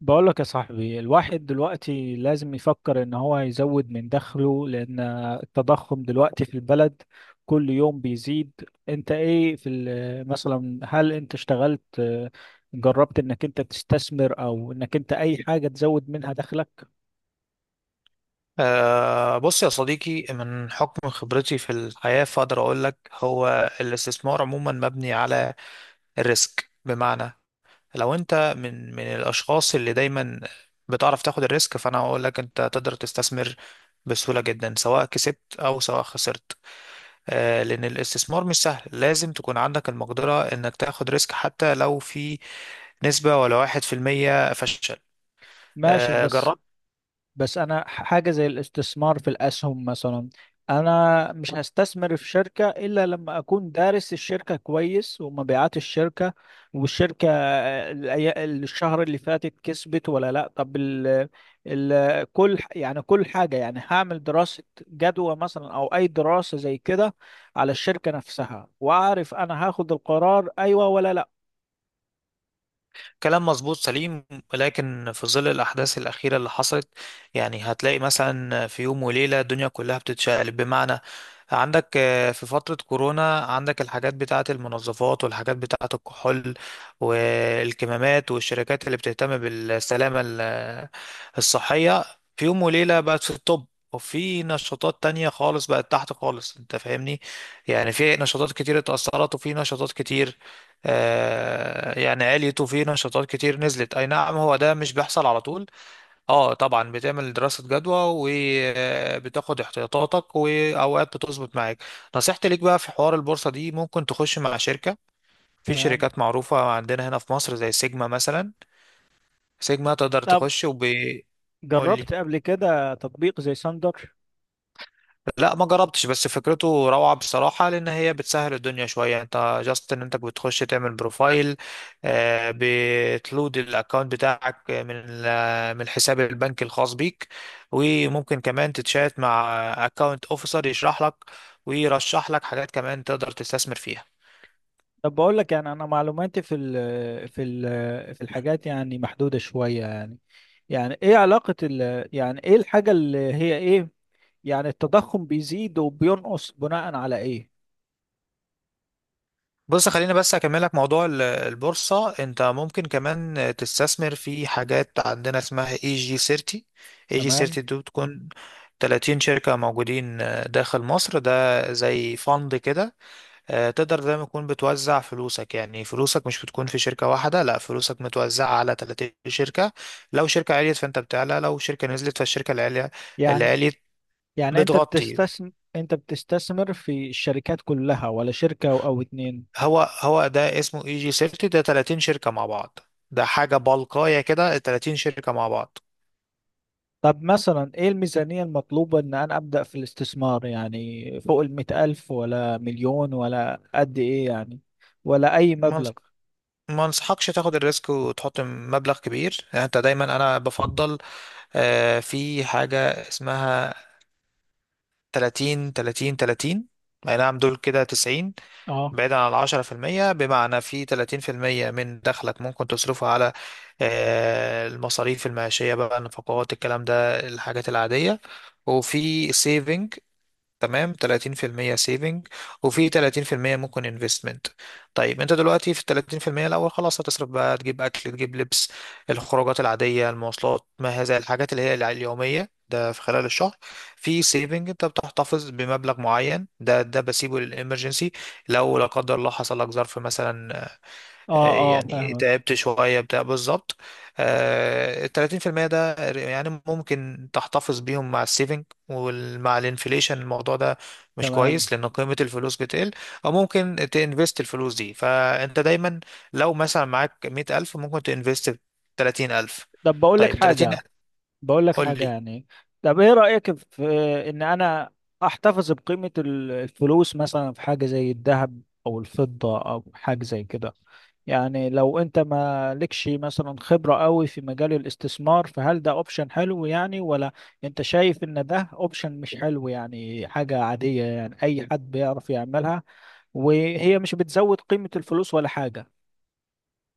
بقول لك يا صاحبي، الواحد دلوقتي لازم يفكر ان هو يزود من دخله، لان التضخم دلوقتي في البلد كل يوم بيزيد. انت ايه مثلا، هل انت اشتغلت، جربت انك انت تستثمر او انك انت اي حاجة تزود منها دخلك؟ أه، بص يا صديقي، من حكم خبرتي في الحياة فأقدر أقول لك هو الاستثمار عموما مبني على الريسك. بمعنى لو أنت من الأشخاص اللي دايما بتعرف تاخد الريسك، فأنا أقول لك أنت تقدر تستثمر بسهولة جدا، سواء كسبت أو سواء خسرت. لأن الاستثمار مش سهل، لازم تكون عندك المقدرة إنك تاخد ريسك حتى لو في نسبة ولا واحد في المية فشل. ماشي، أه، بس. جربت. بس انا حاجه زي الاستثمار في الاسهم مثلا. انا مش هستثمر في شركه الا لما اكون دارس الشركه كويس ومبيعات الشركه والشركه، الشهر اللي فاتت كسبت ولا لا. طب ال ال كل يعني كل حاجه يعني هعمل دراسه جدوى مثلا او اي دراسه زي كده على الشركه نفسها، واعرف انا هاخد القرار ايوه ولا لا. كلام مظبوط سليم، لكن في ظل الأحداث الأخيرة اللي حصلت، يعني هتلاقي مثلا في يوم وليلة الدنيا كلها بتتشقلب. بمعنى، عندك في فترة كورونا عندك الحاجات بتاعة المنظفات، والحاجات بتاعة الكحول والكمامات، والشركات اللي بتهتم بالسلامة الصحية، في يوم وليلة بقت في الطب. وفي نشاطات تانية خالص بقت تحت خالص، انت فاهمني، يعني في نشاطات كتير اتأثرت، وفي نشاطات كتير يعني عليت، وفي نشاطات كتير نزلت. اي نعم، هو ده مش بيحصل على طول. اه طبعا بتعمل دراسة جدوى وبتاخد احتياطاتك، واوقات بتظبط معاك. نصيحتي ليك بقى في حوار البورصة دي، ممكن تخش مع شركة، في تمام. شركات معروفة عندنا هنا في مصر زي سيجما مثلا. سيجما تقدر طب تخش قول لي. جربت قبل كده تطبيق زي ساندر؟ لا، ما جربتش، بس فكرته روعة بصراحة، لأن هي بتسهل الدنيا شوية. أنت جاست إن أنت بتخش تعمل بروفايل، بتلود الأكونت بتاعك من من الحساب البنكي الخاص بيك، وممكن كمان تتشات مع أكونت أوفيسر يشرح لك ويرشح لك حاجات كمان تقدر تستثمر فيها. طب بقول لك يعني، انا معلوماتي في الحاجات يعني محدوده شويه يعني ايه علاقه ال، يعني ايه الحاجه اللي هي ايه، يعني التضخم بيزيد وبينقص بناء على ايه؟ بص خليني بس اكملك موضوع البورصة. انت ممكن كمان تستثمر في حاجات عندنا اسمها اي جي 30. اي جي تمام. 30 دي بتكون 30 شركة موجودين داخل مصر ده. زي فند كده. تقدر زي ما تكون بتوزع فلوسك، يعني فلوسك مش بتكون في شركة واحدة، لا، فلوسك متوزعة على 30 شركة. لو شركة عليت فانت بتعلى، لو شركة نزلت فالشركة اللي عليت، اللي يعني عليت يعني انت بتغطي. بتستثمر، انت بتستثمر في الشركات كلها ولا شركه او اتنين؟ هو ده اسمه اي جي سيفتي، ده 30 شركة مع بعض، ده حاجة بلقاية كده، 30 شركة مع بعض. طب مثلا ايه الميزانيه المطلوبه ان انا ابدا في الاستثمار، يعني فوق المئة الف ولا مليون ولا قد ايه يعني، ولا اي ما مبلغ؟ انص- ما انصحكش تاخد الريسك وتحط مبلغ كبير. يعني انت دايما، انا بفضل في حاجة اسمها 30، 30، 30. اي نعم، دول كده 90، اه. بعيدا عن العشرة في المية. بمعنى في 30% من دخلك ممكن تصرفه على المصاريف المعيشية بقى، النفقات، الكلام ده، الحاجات العادية. وفي saving، تمام، 30% سيفنج، وفي 30% ممكن انفستمنت. طيب انت دلوقتي في ال 30% الاول، خلاص هتصرف بقى، تجيب اكل، تجيب لبس، الخروجات العاديه، المواصلات، ما هذا الحاجات اللي هي اليوميه ده، في خلال الشهر. في سيفنج، انت بتحتفظ بمبلغ معين، ده بسيبه للامرجنسي، لو لا قدر الله حصل لك ظرف مثلا، اه اه يعني فاهمك. تعبت شوية بتاع، بالظبط. التلاتين في المية ده يعني ممكن تحتفظ بيهم مع السيفنج. ومع الانفليشن الموضوع ده مش تمام. كويس، لأن قيمة الفلوس بتقل. أو ممكن تنفست الفلوس دي، فأنت دايما لو مثلا معاك 100,000، ممكن تنفست 30,000. طب بقول لك طيب 30. حاجة. بقول لك حاجة قول. يعني طب ايه رأيك في ان انا احتفظ بقيمة الفلوس مثلا في حاجة زي الذهب او الفضة او حاجة زي كده؟ يعني لو انت ما لكش مثلا خبرة قوي في مجال الاستثمار، فهل ده اوبشن حلو يعني، ولا انت شايف ان ده اوبشن مش حلو، يعني حاجة عادية يعني اي حد بيعرف يعملها وهي مش بتزود قيمة الفلوس ولا حاجة؟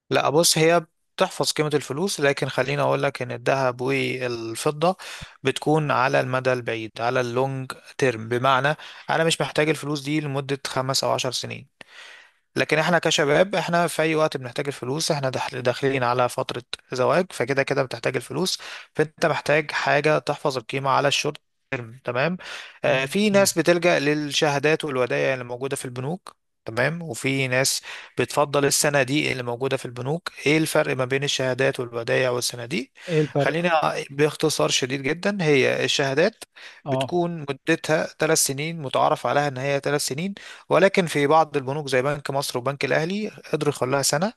لا بص، هي بتحفظ قيمة الفلوس، لكن خليني أقول لك إن الذهب والفضة بتكون على المدى البعيد، على اللونج تيرم. بمعنى أنا مش محتاج الفلوس دي لمدة خمس أو عشر سنين. لكن احنا كشباب احنا في اي وقت بنحتاج الفلوس، احنا داخلين على فترة زواج، فكده كده بتحتاج الفلوس. فانت محتاج حاجة تحفظ القيمة على الشورت تيرم. تمام. آه، مم. في ناس بتلجأ للشهادات والودائع اللي موجودة في البنوك. تمام. وفي ناس بتفضل الصناديق اللي موجودة في البنوك. ايه الفرق ما بين الشهادات والودائع والصناديق؟ ايه الفرق؟ خلينا باختصار شديد جدا. هي الشهادات اه. بتكون مدتها ثلاث سنين، متعارف عليها ان هي ثلاث سنين، ولكن في بعض البنوك زي بنك مصر وبنك الأهلي قدروا يخلوها سنة،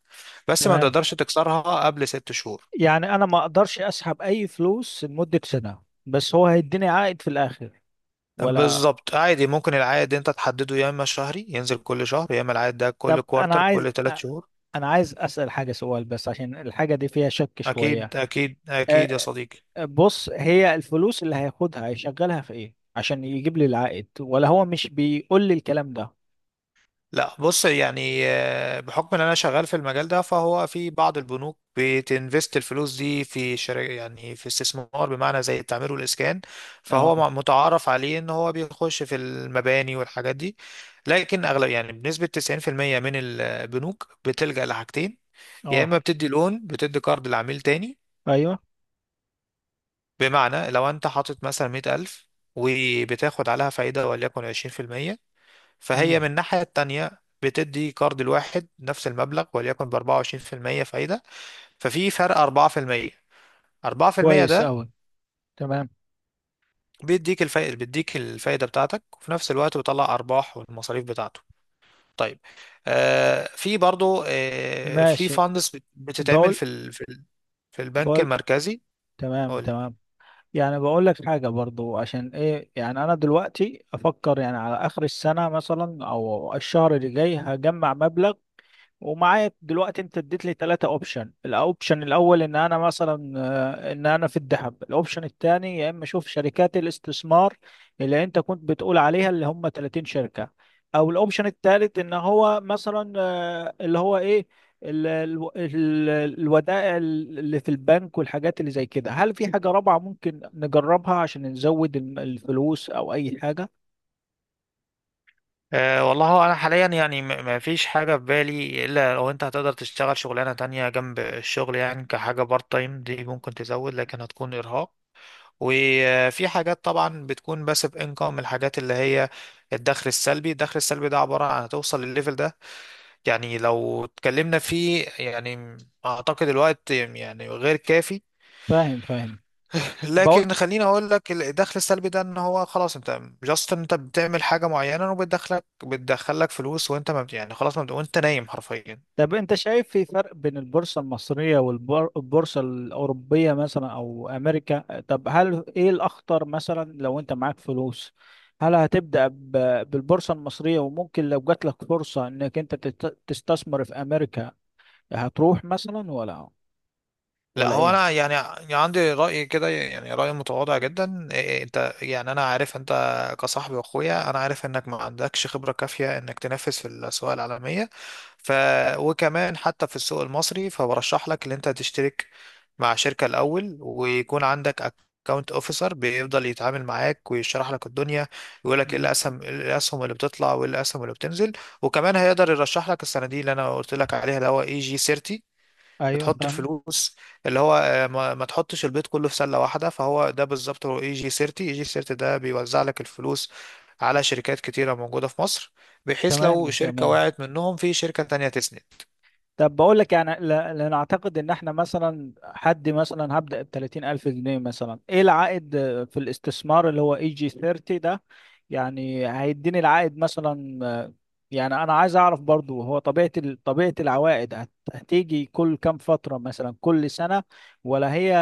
بس ما تمام. تقدرش تكسرها قبل ست شهور. يعني انا ما اقدرش اسحب اي فلوس لمدة سنة، بس هو هيديني عائد في الاخر ولا؟ بالظبط. عادي، ممكن العائد انت تحدده، يا اما شهري ينزل كل شهر، يا اما العائد ده كل طب انا كوارتر، عايز، كل ثلاث شهور. انا عايز اسأل حاجة، سؤال بس عشان الحاجة دي فيها شك اكيد شوية. اكيد اكيد يا آه، صديقي. بص، هي الفلوس اللي هياخدها هيشغلها في ايه عشان يجيب لي العائد، ولا هو مش بيقول لي الكلام ده؟ لا بص، يعني بحكم ان انا شغال في المجال ده، فهو في بعض البنوك بتنفست الفلوس دي في شركة، يعني في استثمار، بمعنى زي التعمير والاسكان. فهو اه متعارف عليه ان هو بيخش في المباني والحاجات دي. لكن اغلب، يعني بنسبة 90% من البنوك، بتلجأ لحاجتين، يا اه. اما بتدي لون، بتدي قرض لعميل تاني. ايوه. بمعنى لو انت حاطط مثلا 100,000 وبتاخد عليها فايدة وليكن 20%، فهي من مم. الناحية التانية بتدي كارد الواحد نفس المبلغ وليكن ب 24% فايدة. ففي فرق 4%. 4% كويس ده اوي. تمام. بيديك الفائدة، بيديك الفائدة بتاعتك، وفي نفس الوقت بيطلع أرباح والمصاريف بتاعته. طيب، آه، في برضو، آه، في ماشي. فاندس بتتعمل بقول. في في البنك بقول المركزي. تمام قولي. تمام. يعني بقول لك حاجة برضو، عشان ايه يعني انا دلوقتي افكر يعني على اخر السنة مثلا او الشهر اللي جاي هجمع مبلغ. ومعايا دلوقتي، انت اديت لي ثلاثة اوبشن: الاوبشن الاول ان انا مثلا، ان انا في الذهب، الاوبشن الثاني يا اما اشوف شركات الاستثمار اللي انت كنت بتقول عليها اللي هم 30 شركة، او الاوبشن الثالث ان هو مثلا، اللي هو ايه، ال- ال- ال- الودائع اللي في البنك والحاجات اللي زي كده. هل في حاجة رابعة ممكن نجربها عشان نزود الفلوس او اي حاجة؟ أه والله، هو انا حاليا يعني ما فيش حاجه في بالي الا لو انت هتقدر تشتغل شغلانه تانية جنب الشغل، يعني كحاجه بارت تايم، دي ممكن تزود لكن هتكون ارهاق. وفي حاجات طبعا بتكون باسيف انكم، الحاجات اللي هي الدخل السلبي. الدخل السلبي ده عبارة عن، هتوصل للليفل ده يعني، لو اتكلمنا فيه يعني، اعتقد الوقت يعني غير كافي. فاهم فاهم. لكن خليني اقول لك الدخل السلبي ده ان هو خلاص، انت جاست انت بتعمل حاجة معينة وبتدخلك فلوس وانت ما بت- يعني خلاص، ما بت- وانت نايم حرفيا. طب انت شايف في فرق بين البورصة المصرية والبورصة الأوروبية مثلا، أو أمريكا؟ طب هل ايه الأخطر مثلا؟ لو انت معاك فلوس، هل هتبدأ بالبورصة المصرية، وممكن لو جات لك فرصة انك انت تستثمر في أمريكا هتروح مثلا، ولا لا ولا هو ايه؟ انا يعني، يعني عندي راي كده، يعني راي متواضع جدا. إيه، انت يعني، انا عارف انت كصاحبي واخويا، انا عارف انك ما عندكش خبره كافيه انك تنافس في الاسواق العالميه. ف وكمان حتى في السوق المصري، فبرشح لك ان انت تشترك مع شركه الاول، ويكون عندك اكونت اوفيسر بيفضل يتعامل معاك ويشرح لك الدنيا، يقول لك ايه مم. الاسهم، إيه الاسهم اللي بتطلع وايه الاسهم اللي بتنزل. وكمان هيقدر يرشح لك الصناديق اللي انا قلت لك عليها، اللي هو اي جي 30، ايوه بتحط فاهم. الفلوس اللي هو، ما تحطش البيض كله في سلة واحدة. فهو ده بالظبط، هو اي جي 30، اي جي 30 ده بيوزع لك الفلوس على شركات كتيرة موجودة في مصر، بحيث تمام لو شركة تمام. وقعت منهم في شركة تانية تسند. طب بقول لك يعني، لان اعتقد ان احنا مثلا، حد مثلا هبدأ ب 30,000 جنيه مثلا، ايه العائد في الاستثمار اللي هو اي جي 30 ده؟ يعني هيديني العائد مثلا، يعني انا عايز اعرف برضو، هو طبيعة طبيعة العوائد هتيجي كل كام فترة، مثلا كل سنة، ولا هي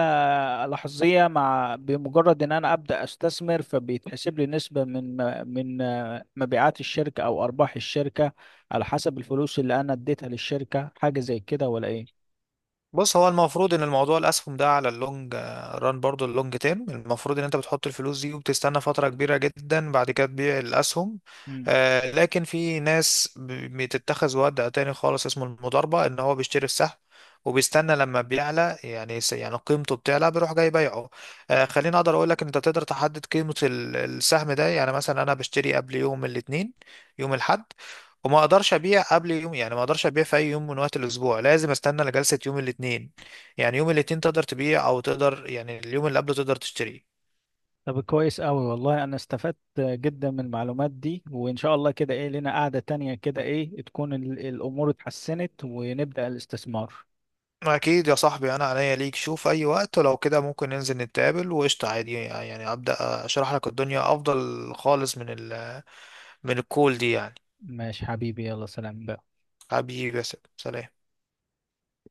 لحظية، مع بمجرد ان انا ابدأ استثمر فبيتحسب لي نسبة من مبيعات الشركة او ارباح الشركة، على حسب الفلوس اللي انا اديتها للشركة، حاجة زي كده ولا ايه؟ بص هو المفروض ان الموضوع الاسهم ده على اللونج ران، برضو اللونج تيرم، المفروض ان انت بتحط الفلوس دي وبتستنى فترة كبيرة جدا، بعد كده تبيع الاسهم. لكن في ناس بتتخذ وضع تاني خالص اسمه المضاربة، ان هو بيشتري السهم وبيستنى لما بيعلى، يعني يعني قيمته بتعلى بيروح جاي بيعه. خليني اقدر اقول لك انت تقدر تحدد قيمة السهم ده. يعني مثلا انا بشتري قبل يوم الاثنين، يوم الاحد، وما اقدرش ابيع قبل يوم، يعني ما اقدرش ابيع في اي يوم من وقت الاسبوع، لازم استنى لجلسة يوم الاثنين. يعني يوم الاثنين تقدر تبيع، او تقدر يعني اليوم اللي قبله تقدر تشتري. طب كويس أوي والله، أنا استفدت جدا من المعلومات دي، وإن شاء الله كده إيه لنا قعدة تانية كده، إيه تكون الأمور اتحسنت ونبدأ الاستثمار. اكيد يا صاحبي، انا عينيا ليك، شوف اي وقت ولو كده ممكن ننزل نتقابل وقشطة، عادي يعني، ابدا. اشرح لك الدنيا افضل خالص من ال من الكول دي يعني. ماشي حبيبي، يلا سلام. حبيبي، بس سلام.